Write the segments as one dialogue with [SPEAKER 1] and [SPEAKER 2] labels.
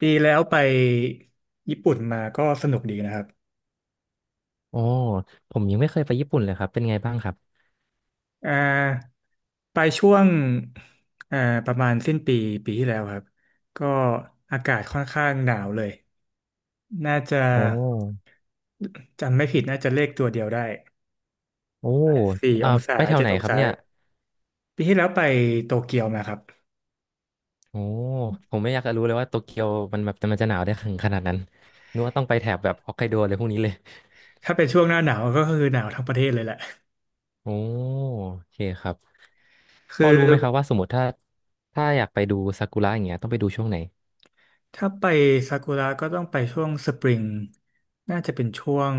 [SPEAKER 1] ปีแล้วไปญี่ปุ่นมาก็สนุกดีนะครับ
[SPEAKER 2] โอ้ผมยังไม่เคยไปญี่ปุ่นเลยครับเป็นไงบ้างครับ
[SPEAKER 1] อ่าไปช่วงอ่าประมาณสิ้นปีปีที่แล้วครับก็อากาศค่อนข้างหนาวเลยน่าจะ
[SPEAKER 2] โอ้
[SPEAKER 1] จำไม่ผิดน่าจะเลขตัวเดียวได้
[SPEAKER 2] โอ้
[SPEAKER 1] สี่อ
[SPEAKER 2] อ่า
[SPEAKER 1] งศา
[SPEAKER 2] ไปแถว
[SPEAKER 1] เจ็ด
[SPEAKER 2] ไหน
[SPEAKER 1] อง
[SPEAKER 2] ครับ
[SPEAKER 1] ศา
[SPEAKER 2] เนี่ย
[SPEAKER 1] ปีที่แล้วไปโตเกียวมาครับ
[SPEAKER 2] โอ้ผมไม่อยากจะรู้เลยว่าโตเกียวมันแบบมันจะหนาวได้ถึงขนาดนั้นนึกว่าต้องไปแถบแบบฮอกไกโดเลยพวกนี้เลย
[SPEAKER 1] ถ้าเป็นช่วงหน้าหนาวก็คือหนาวทั้งประเทศเลยแหละ
[SPEAKER 2] โอ้โอเคครับพ
[SPEAKER 1] คือ
[SPEAKER 2] อรู้ไหมครับว่าสมมติถ้าอยากไปดูซากุระอย่างเงี้ยต้องไปดูช่วงไหน
[SPEAKER 1] ถ้าไปซากุระก็ต้องไปช่วงสปริงน่าจะเป็นช่วง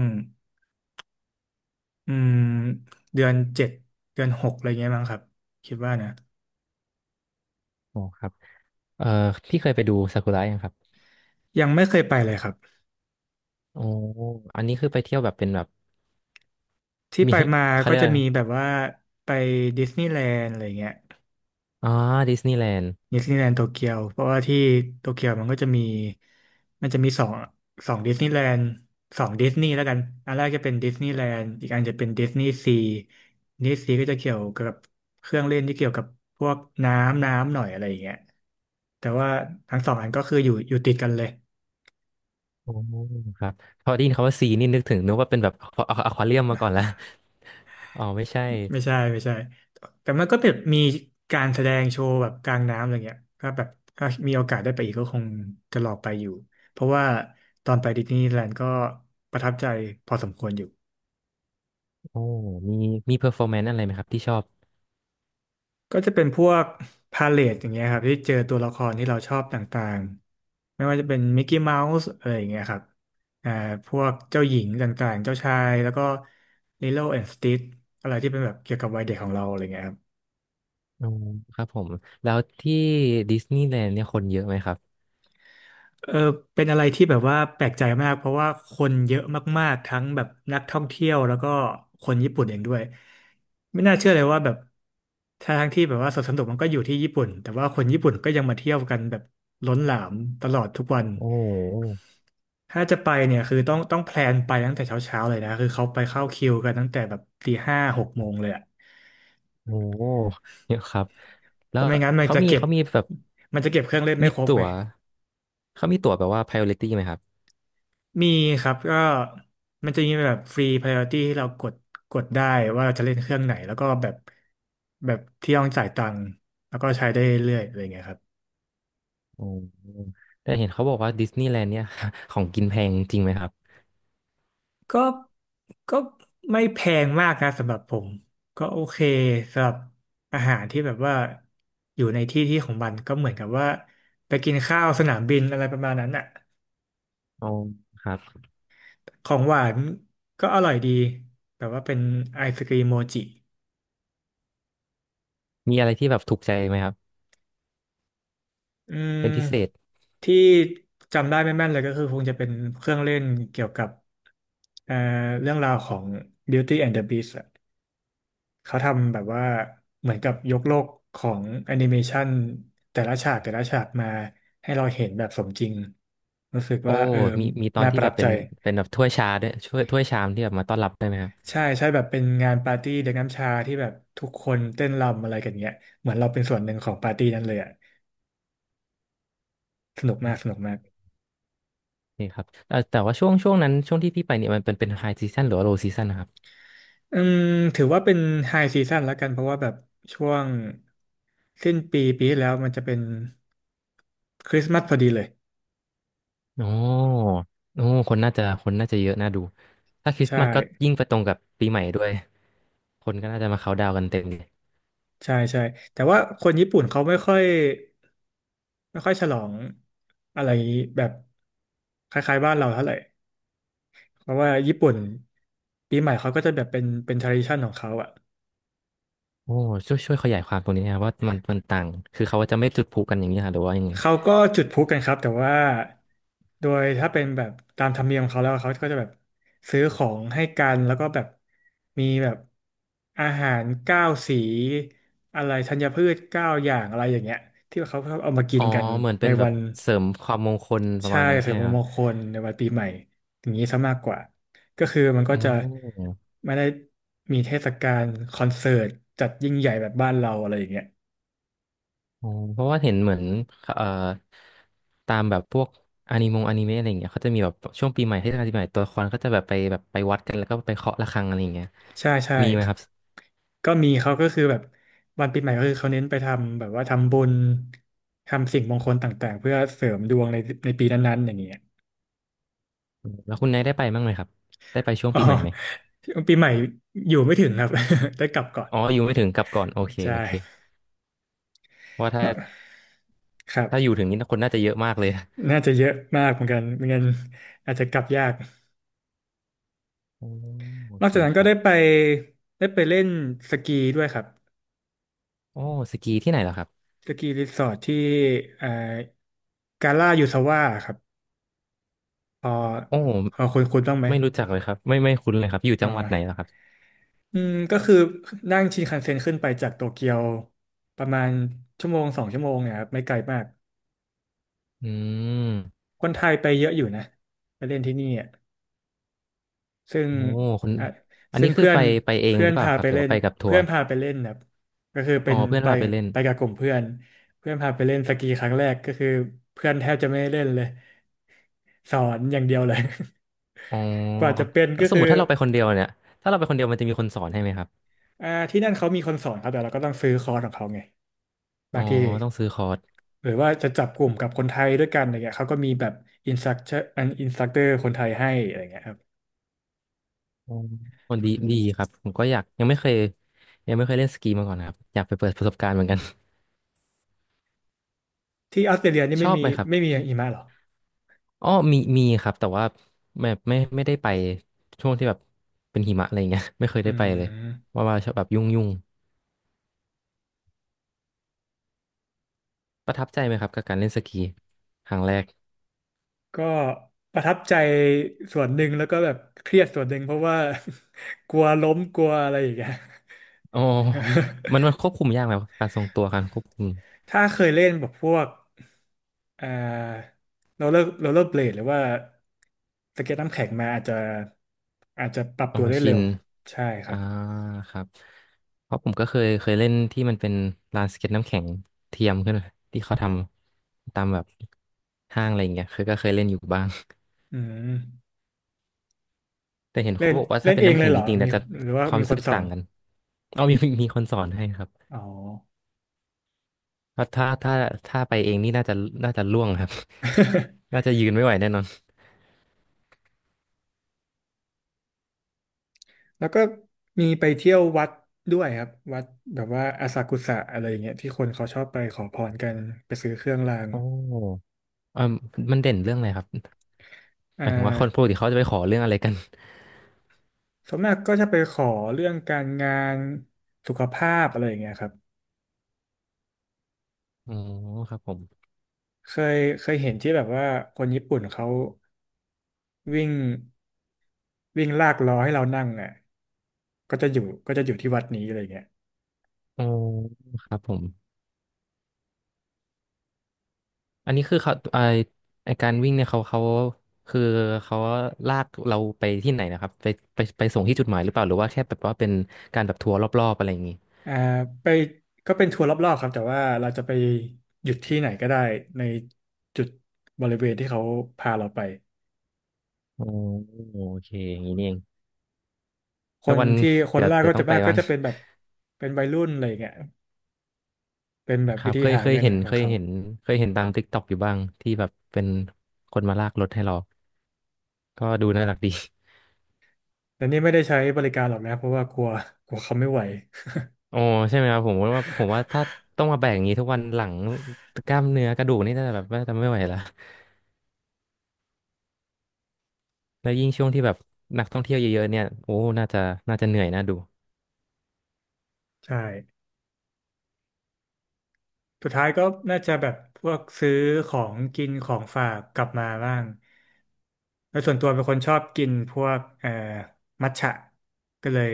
[SPEAKER 1] อืมเดือน 7เดือน 6อะไรเงี้ยมั้งครับคิดว่านะ
[SPEAKER 2] โอ้ครับเอ่อพี่เคยไปดูซากุระยังครับ
[SPEAKER 1] ยังไม่เคยไปเลยครับ
[SPEAKER 2] โอ้อันนี้คือไปเที่ยวแบบเป็นแบบ
[SPEAKER 1] ที่ ไป
[SPEAKER 2] มี
[SPEAKER 1] มา
[SPEAKER 2] เขา
[SPEAKER 1] ก็
[SPEAKER 2] เรียก
[SPEAKER 1] จะ
[SPEAKER 2] อะไร
[SPEAKER 1] มี
[SPEAKER 2] นะ
[SPEAKER 1] แบบว่าไปดิสนีย์แลนด์อะไรเงี้ย
[SPEAKER 2] อ๋อดิสนีย์แลนด์
[SPEAKER 1] ดิสนีย์แลนด์โตเกียวเพราะว่าที่โตเกียวมันจะมีสองดิสนีย์แลนด์สองดิสนีย์แล้วกันอันแรกจะเป็นดิสนีย์แลนด์อีกอันจะเป็นดิสนีย์ซีดิสนีย์ซีก็จะเกี่ยวกับเครื่องเล่นที่เกี่ยวกับพวกน้ำหน่อยอะไรอย่างเงี้ยแต่ว่าทั้งสองอันก็คืออยู่ติดกันเลย
[SPEAKER 2] โอ้ครับพอได้ยินคำว่าซีนี่นึกว่าเป็นแบบอะควาเรียมมาก่อนละ อ๋อไม่ใช่
[SPEAKER 1] ไม่ใช่ไม่ใช่แต่มันก็แบบมีการแสดงโชว์แบบกลางน้ำอะไรเงี้ยถ้าแบบถ้ามีโอกาสได้ไปอีกก็คงจะลองไปอยู่เพราะว่าตอนไปดิสนีย์แลนด์ก็ประทับใจพอสมควรอยู่
[SPEAKER 2] โอ้มีเพอร์ฟอร์แมนซ์อะไรไหมครับที่ชอบ
[SPEAKER 1] ก็จะเป็นพวกพาเลทอย่างเงี้ยครับที่เจอตัวละครที่เราชอบต่างๆไม่ว่าจะเป็นมิกกี้เมาส์อะไรอย่างเงี้ยครับอ่าพวกเจ้าหญิงต่างๆเจ้าชายแล้วก็ลิโลแอนด์สติทอะไรที่เป็นแบบเกี่ยวกับวัยเด็กของเราอะไรเงี้ยครับ
[SPEAKER 2] อ๋อครับผมแล้วที่ดิสนีย์แลนด์เนี่ยคนเยอะไหมครับ
[SPEAKER 1] เออเป็นอะไรที่แบบว่าแปลกใจมากเพราะว่าคนเยอะมากๆทั้งแบบนักท่องเที่ยวแล้วก็คนญี่ปุ่นเองด้วยไม่น่าเชื่อเลยว่าแบบทั้งที่แบบว่าสวนสนุกมันก็อยู่ที่ญี่ปุ่นแต่ว่าคนญี่ปุ่นก็ยังมาเที่ยวกันแบบล้นหลามตลอดทุกวัน
[SPEAKER 2] โอ้
[SPEAKER 1] ถ้าจะไปเนี่ยคือต้องแพลนไปตั้งแต่เช้าๆเลยนะคือเขาไปเข้าคิวกันตั้งแต่แบบตี 56 โมงเลยอะ
[SPEAKER 2] โหเยอะครับ
[SPEAKER 1] เพ
[SPEAKER 2] แล้ว
[SPEAKER 1] ราะไม่งั้นมัน
[SPEAKER 2] เขา
[SPEAKER 1] จะ
[SPEAKER 2] มี
[SPEAKER 1] เก็บ
[SPEAKER 2] เขามีแบบ
[SPEAKER 1] มันจะเก็บเครื่องเล่นไม่
[SPEAKER 2] มี
[SPEAKER 1] ครบ
[SPEAKER 2] ตั๋
[SPEAKER 1] ไง
[SPEAKER 2] วเขามีตั๋วแบบว่า priority ไหมครับ
[SPEAKER 1] มีครับก็มันจะมีแบบฟรี priority ที่เรากดได้ว่าเราจะเล่นเครื่องไหนแล้วก็แบบแบบที่ต้องจ่ายตังค์แล้วก็ใช้ได้เรื่อยๆอะไรเงี้ยครับ
[SPEAKER 2] โอ้แต่เห็นเขาบอกว่าดิสนีย์แลนด์เนี่ย ของกินแพงจริงไหมครับ
[SPEAKER 1] ก็ก็ไม่แพงมากนะสำหรับผมก็โอเคสำหรับอาหารที่แบบว่าอยู่ในที่ที่ของมันก็เหมือนกับว่าไปกินข้าวสนามบินอะไรประมาณนั้นอ่ะ
[SPEAKER 2] อ๋อครับ
[SPEAKER 1] ของหวานก็อร่อยดีแต่ว่าเป็นไอศกรีมโมจิ
[SPEAKER 2] มีอะไรที่แบบถูกใจไหมครับ
[SPEAKER 1] อื
[SPEAKER 2] เป็นพิ
[SPEAKER 1] ม
[SPEAKER 2] เศษ
[SPEAKER 1] ที่จำได้ไม่แม่นเลยก็คือคงจะเป็นเครื่องเล่นเกี่ยวกับเอ่อเรื่องราวของ Beauty and the Beast อะเขาทำแบบว่าเหมือนกับยกโลกของแอนิเมชันแต่ละฉากแต่ละฉากมาให้เราเห็นแบบสมจริงรู้สึก
[SPEAKER 2] โอ้
[SPEAKER 1] ว่าเออ
[SPEAKER 2] มีตอน
[SPEAKER 1] น่าป
[SPEAKER 2] ที่
[SPEAKER 1] ระ
[SPEAKER 2] แบ
[SPEAKER 1] ทับ
[SPEAKER 2] บเป็
[SPEAKER 1] ใจ
[SPEAKER 2] นเป็นแบบถ้วยชาด้วยถ้วยชามที่แบบมาต้อนรับได้ไหมครับ
[SPEAKER 1] ใช่ใช่แบบเป็นงานปาร์ตี้เด็กน้ำชาที่แบบทุกคนเต้นรำอะไรกันเงี้ยเหมือนเราเป็นส่วนหนึ่งของปาร์ตี้นั้นเลยอะสนุกมากสนุกมาก
[SPEAKER 2] นี่ครับแต่ว่าช่วงที่พี่ไปเนี่ยมันเป็นไฮซีซันหรือว่าโลซีซันนะครับ
[SPEAKER 1] อืมถือว่าเป็นไฮซีซั่นแล้วกันเพราะว่าแบบช่วงสิ้นปีปีที่แล้วมันจะเป็นคริสต์มาสพอดีเลย
[SPEAKER 2] โอ้โอ้คนน่าจะเยอะน่าดูถ้าคริส
[SPEAKER 1] ใช่
[SPEAKER 2] ต์มาสก็ยิ่งไปตรงกับปีใหม่ด้วยคนก็น่าจะมาเขาน์ดาวน์กันเต็มเลย
[SPEAKER 1] ใช่ใช่แต่ว่าคนญี่ปุ่นเขาไม่ค่อยฉลองอะไรแบบคล้ายๆบ้านเราเท่าไหร่เพราะว่าญี่ปุ่นปีใหม่เขาก็จะแบบเป็น tradition ของเขาอะ
[SPEAKER 2] โอ้ช่วยขยายความตรงนี้นะครับว่ามันต่างคือเขาจะไม่จุดพลุกันอย่างนี้ค่ะหรือว่ายังไง
[SPEAKER 1] เขาก็จุดพลุกันครับแต่ว่าโดยถ้าเป็นแบบตามธรรมเนียมของเขาแล้วเขาก็จะแบบซื้อของให้กันแล้วก็แบบมีแบบอาหารเก้าสีอะไรธัญพืช9 อย่างอะไรอย่างเงี้ยที่เขาชอบเอามากิ
[SPEAKER 2] อ๋
[SPEAKER 1] น
[SPEAKER 2] อ
[SPEAKER 1] กัน
[SPEAKER 2] เหมือน
[SPEAKER 1] ใน
[SPEAKER 2] เป็นแบ
[SPEAKER 1] วั
[SPEAKER 2] บ
[SPEAKER 1] น
[SPEAKER 2] เสริมความมงคลประ
[SPEAKER 1] ใช่
[SPEAKER 2] มาณนั้น
[SPEAKER 1] เส
[SPEAKER 2] ใช่
[SPEAKER 1] ริม
[SPEAKER 2] ไหมครั
[SPEAKER 1] ม
[SPEAKER 2] บ
[SPEAKER 1] งคลในวันปีใหม่อย่างนี้ซะมากกว่าก็คือมันก็
[SPEAKER 2] โอ
[SPEAKER 1] จะ
[SPEAKER 2] ้
[SPEAKER 1] ไม่ได้มีเทศกาลคอนเสิร์ตจัดยิ่งใหญ่แบบบ้านเราอะไรอย่างเงี้ย
[SPEAKER 2] อ๋อเพราะว่าเห็นเหมือนเอ่อตามแบบพวกอนิเมะอะไรอย่างเงี้ยเขาจะมีแบบช่วงปีใหม่เทศกาลปีใหม่ตัวละครก็จะแบบไปวัดกันแล้วก็ไปเคาะระฆังอะไรอย่างเงี้ย
[SPEAKER 1] ใช่ใช่
[SPEAKER 2] มีไหม
[SPEAKER 1] ครั
[SPEAKER 2] ค
[SPEAKER 1] บ
[SPEAKER 2] รับ
[SPEAKER 1] ก็มีเขาก็คือแบบวันปีใหม่ก็คือเขาเน้นไปทำแบบว่าทำบุญทำสิ่งมงคลต่างๆเพื่อเสริมดวงในปีนั้นๆอย่างเงี้ย
[SPEAKER 2] แล้วคุณนายได้ไปบ้างไหมครับได้ไปช่วง
[SPEAKER 1] อ๋อ
[SPEAKER 2] ปีใหม่ไหม
[SPEAKER 1] ปีใหม่อยู่ไม่ถึงครับ ได้กลับก่อน
[SPEAKER 2] อ๋ออยู่ไม่ถึงกลับก่อนโอเค
[SPEAKER 1] ใช
[SPEAKER 2] โอเค
[SPEAKER 1] ่
[SPEAKER 2] เพราะว่าถ้า
[SPEAKER 1] เนอะครับ
[SPEAKER 2] ถ้าอยู่ถึงนี่คนน่าจะเยอะมากเลย นะ
[SPEAKER 1] น่าจะเยอะมากเหมือนกันไม่งั้นอาจจะกลับยาก
[SPEAKER 2] โอโอ
[SPEAKER 1] นอก
[SPEAKER 2] เค
[SPEAKER 1] จากนั้น
[SPEAKER 2] ค
[SPEAKER 1] ก็
[SPEAKER 2] รั
[SPEAKER 1] ได้
[SPEAKER 2] บ
[SPEAKER 1] ไปเล่นสกีด้วยครับ
[SPEAKER 2] โอ้สกีที่ไหนเหรอครับ
[SPEAKER 1] สกีรีสอร์ทที่เอ่อกาล่ายูซาว่าครับพอ
[SPEAKER 2] โอ
[SPEAKER 1] พอ
[SPEAKER 2] ้
[SPEAKER 1] คุณต้องไหม
[SPEAKER 2] ไม่รู้จักเลยครับไม่คุ้นเลยครับอยู่
[SPEAKER 1] อ่
[SPEAKER 2] จังหวัดไหนเหรอ
[SPEAKER 1] า
[SPEAKER 2] ครับ
[SPEAKER 1] อืมก็คือนั่งชินคันเซ็นขึ้นไปจากโตเกียวประมาณชั่วโมงสองชั่วโมงเนี่ยครับไม่ไกลมาก
[SPEAKER 2] อืม
[SPEAKER 1] คนไทยไปเยอะอยู่นะไปเล่นที่นี่อ่ะซึ่ง
[SPEAKER 2] โอ้คุณ
[SPEAKER 1] อ่ะ
[SPEAKER 2] อัน
[SPEAKER 1] ซึ่
[SPEAKER 2] นี้
[SPEAKER 1] ง
[SPEAKER 2] คือ
[SPEAKER 1] เพื่อ
[SPEAKER 2] ไป
[SPEAKER 1] น
[SPEAKER 2] ไปเอง
[SPEAKER 1] เพื่อ
[SPEAKER 2] ห
[SPEAKER 1] น
[SPEAKER 2] รือเปล่า
[SPEAKER 1] พา
[SPEAKER 2] ครั
[SPEAKER 1] ไป
[SPEAKER 2] บหรือ
[SPEAKER 1] เล่
[SPEAKER 2] ว่า
[SPEAKER 1] น
[SPEAKER 2] ไปกับทั
[SPEAKER 1] เพื่
[SPEAKER 2] ว
[SPEAKER 1] อ
[SPEAKER 2] ร์
[SPEAKER 1] นพาไปเล่นแบบก็คือเป็
[SPEAKER 2] อ๋อ
[SPEAKER 1] น
[SPEAKER 2] เพื่อน
[SPEAKER 1] ไป
[SPEAKER 2] พาไปเล่น
[SPEAKER 1] ไปกับกลุ่มเพื่อนเพื่อนพาไปเล่นสกีครั้งแรกก็คือเพื่อนแทบจะไม่ได้เล่นเลยสอนอย่างเดียวเลย
[SPEAKER 2] อ๋อ
[SPEAKER 1] กว่าจะเป็น
[SPEAKER 2] แล้
[SPEAKER 1] ก็
[SPEAKER 2] วสม
[SPEAKER 1] คื
[SPEAKER 2] ม
[SPEAKER 1] อ
[SPEAKER 2] ติถ้าเราไปคนเดียวมันจะมีคนสอนให้ไหมครับ
[SPEAKER 1] ที่นั่นเขามีคนสอนครับแต่เราก็ต้องซื้อคอร์สของเขาไง
[SPEAKER 2] อ๋
[SPEAKER 1] บา
[SPEAKER 2] อ
[SPEAKER 1] งที
[SPEAKER 2] ต้องซื้อคอร์ส
[SPEAKER 1] หรือว่าจะจับกลุ่มกับคนไทยด้วยกันอะไรเงี้ยเขาก็มีแบบอินสตัคเตอร์คนไทยให้อะไรเงี้ยครับ
[SPEAKER 2] อ๋อคนดีดีครับผมก็อยากยังไม่เคยเล่นสกีมาก่อนนะครับอยากไปเปิดประสบการณ์เหมือนกัน
[SPEAKER 1] ที่ออสเตรเลียนี่
[SPEAKER 2] ช
[SPEAKER 1] ไม่
[SPEAKER 2] อบ
[SPEAKER 1] มี
[SPEAKER 2] ไหมครับ
[SPEAKER 1] หิมะเหรอ
[SPEAKER 2] อ๋อมีมีครับแต่ว่าแบบไม่ได้ไปช่วงที่แบบเป็นหิมะอะไรเงี้ย ไม่เคย
[SPEAKER 1] อื
[SPEAKER 2] ได้ไปเลย
[SPEAKER 1] ม
[SPEAKER 2] ว่าชอบแบบยุ่งยุ่งประทับใจไหมครับกับการเล่นสกีครั้งแรก
[SPEAKER 1] ก็ประทับใจส่วนหนึ่งแล้วก็แบบเครียดส่วนหนึ่งเพราะว่า กลัวล้มกลัวอะไรอย่างเงี้ย
[SPEAKER 2] อ๋อมัน ควบคุมยากไหมการทรงตัวการควบคุม
[SPEAKER 1] ถ้าเคยเล่นแบบพวกเอ่อโรลเลอร์เบลดหรือว่าสเก็ตน้ำแข็งมาอาจจะปรับ
[SPEAKER 2] อ๋อ
[SPEAKER 1] ตัวได้
[SPEAKER 2] ชิ
[SPEAKER 1] เร็
[SPEAKER 2] น
[SPEAKER 1] วใช่ครั
[SPEAKER 2] อ่า
[SPEAKER 1] บ
[SPEAKER 2] ครับเพราะผมก็เคยเล่นที่มันเป็นลานสเก็ตน้ำแข็งเทียมขึ้นมาที่เขาทำตามแบบห้างอะไรอย่างเงี้ยเคยก็เคยเล่นอยู่บ้าง
[SPEAKER 1] อืม
[SPEAKER 2] แต่เห็น
[SPEAKER 1] เล่
[SPEAKER 2] เขา
[SPEAKER 1] น
[SPEAKER 2] บอกว่า
[SPEAKER 1] เล่
[SPEAKER 2] ถ้า
[SPEAKER 1] น
[SPEAKER 2] เป็น
[SPEAKER 1] เอง
[SPEAKER 2] น้ำ
[SPEAKER 1] เล
[SPEAKER 2] แข็
[SPEAKER 1] ย
[SPEAKER 2] ง
[SPEAKER 1] เหร
[SPEAKER 2] จ
[SPEAKER 1] อ
[SPEAKER 2] ริงๆ
[SPEAKER 1] มี
[SPEAKER 2] เนี่ยจะ
[SPEAKER 1] หรือว่า
[SPEAKER 2] ความ
[SPEAKER 1] มี
[SPEAKER 2] รู้
[SPEAKER 1] ค
[SPEAKER 2] สึ
[SPEAKER 1] น
[SPEAKER 2] ก
[SPEAKER 1] สอ
[SPEAKER 2] ต่าง
[SPEAKER 1] น
[SPEAKER 2] กันเอามีคนสอนให้ครับ
[SPEAKER 1] อ๋อ
[SPEAKER 2] ถ้าถ้าไปเองนี่น่าจะล่วงครับ น่าจะยืนไม่ไหวแน่นอน
[SPEAKER 1] แล้วก็มีไปเที่ยววัดด้วยครับวัดแบบว่าอาซากุสะอะไรอย่างเงี้ยที่คนเขาชอบไปขอพรกันไปซื้อเครื่องราง
[SPEAKER 2] โอ้เออมันเด่นเรื่องอะไรครับ
[SPEAKER 1] อ่
[SPEAKER 2] หมายถึงว่าคนปก
[SPEAKER 1] า
[SPEAKER 2] ติเขาจะไปขอเรื่องอะไรกัน
[SPEAKER 1] ส่วนมากก็จะไปขอเรื่องการงานสุขภาพอะไรอย่างเงี้ยครับ
[SPEAKER 2] อ๋อครับผม
[SPEAKER 1] เคยเห็นที่แบบว่าคนญี่ปุ่นเขาวิ่งวิ่งลากล้อให้เรานั่งอ่ะก็จะอยู่ก็จะอยู่ที่วัดนี้อะไรอย่างเงี้ย
[SPEAKER 2] อ๋อครับผมอันนี้คือเขาไอไอการวิ่งเนี่ยเขาคือเขาลากเราไปที่ไหนนะครับไปไปส่งที่จุดหมายหรือเปล่าหรือว่าแค่แบบว่าเป็นการแบบทัวร์รอบๆอะไรอย่างงี้
[SPEAKER 1] อ่าไปก็เป็นทัวร์รอบๆครับแต่ว่าเราจะไปหยุดที่ไหนก็ได้ในจุดบริเวณที่เขาพาเราไป
[SPEAKER 2] อ๋อโอเคอย่างนี้นี่เอง
[SPEAKER 1] ค
[SPEAKER 2] ถ้า
[SPEAKER 1] น
[SPEAKER 2] วัน
[SPEAKER 1] ที่ค
[SPEAKER 2] เดี๋
[SPEAKER 1] น
[SPEAKER 2] ยว
[SPEAKER 1] แรกก็
[SPEAKER 2] ต้อ
[SPEAKER 1] จะ
[SPEAKER 2] งไป
[SPEAKER 1] มากก็
[SPEAKER 2] บ้าง
[SPEAKER 1] จะเป็นแบบเป็นวัยรุ่นอะไรอย่างเงี้ยเป็นแบบ
[SPEAKER 2] ครั
[SPEAKER 1] วิ
[SPEAKER 2] บ
[SPEAKER 1] ธีหาเงินของเขา
[SPEAKER 2] เคยเห็นตาม TikTokอยู่บ้างที่แบบเป็นคนมาลากรถให้เรา ก็ดูน่ารักดี
[SPEAKER 1] แต่นี่ไม่ได้ใช้บริการหรอกนะเพราะว่ากลัวกลัวเขาไม่ไหว
[SPEAKER 2] โอ้ใช่ไหมครับผมว่าถ้าต้องมาแบกอย่างนี้ทุกวันหลังกล้ามเนื้อกระดูกนี่น่าจะแบบว่าจะไม่ไหวละแล้วยิ่งช่วงที่แบบนักท่องเที่ยวเยอะๆเนี่ยโอ้น่าจะเหนื่อยน่าดู
[SPEAKER 1] ใช่ สุดท้ายก็น่าจะแบบพวกซื้อของกินของฝากกลับมาบ้างแล้วส่วนตัวเป็นคนชอบกินพวกมัทฉะก็เลย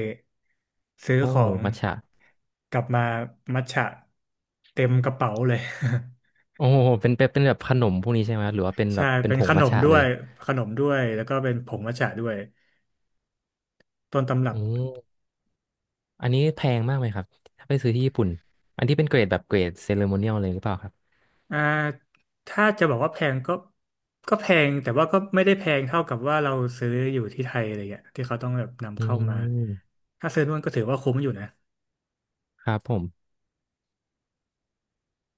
[SPEAKER 1] ซื้อ
[SPEAKER 2] โอ้
[SPEAKER 1] ของ
[SPEAKER 2] มัทฉะ
[SPEAKER 1] กลับมามัทฉะเต็มกระเป๋าเลย
[SPEAKER 2] โอ้เป็นแบบขนมพวกนี้ใช่ไหมครับหรือว่าเป็น แบ
[SPEAKER 1] ใช่
[SPEAKER 2] บเป็น
[SPEAKER 1] เป็
[SPEAKER 2] ผ
[SPEAKER 1] นข
[SPEAKER 2] ง
[SPEAKER 1] น
[SPEAKER 2] มัท
[SPEAKER 1] ม
[SPEAKER 2] ฉะ
[SPEAKER 1] ด้
[SPEAKER 2] เล
[SPEAKER 1] ว
[SPEAKER 2] ย
[SPEAKER 1] ยขนมด้วยแล้วก็เป็นผงมัทฉะด้วยต้นตำรั
[SPEAKER 2] อื
[SPEAKER 1] บ
[SPEAKER 2] มอันนี้แพงมากไหมครับถ้าไปซื้อที่ญี่ปุ่นอันที่เป็นเกรดแบบเกรดเซเลโมเนียลเลยหรือเปล่าครับ
[SPEAKER 1] อ่าถ้าจะบอกว่าแพงก็แพงแต่ว่าก็ไม่ได้แพงเท่ากับว่าเราซื้ออยู่ที่ไทยอะไรเงี้ยที่เขาต้องแบบนำ
[SPEAKER 2] อื
[SPEAKER 1] เข้ามา
[SPEAKER 2] ม
[SPEAKER 1] ถ้าซื้อนู่นก็ถือว่าคุ้มอยู่นะ
[SPEAKER 2] ครับผม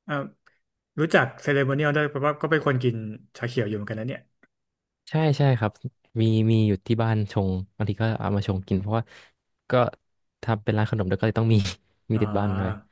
[SPEAKER 1] อ่ารู้จักเซเลโมเนียลด้วยเพราะว่าก็เป็นคนกินชาเขียวอยู่เหมือนกันนะเนี่ย
[SPEAKER 2] ใช่ใช่ครับมีมีอยู่ที่บ้านชงบางทีก็เอามาชงกินเพราะว่าก็ทำเป็นร้านขนมแล้วก็เลยต้องมี มี
[SPEAKER 1] อ่
[SPEAKER 2] ติดบ้านหน่อย
[SPEAKER 1] า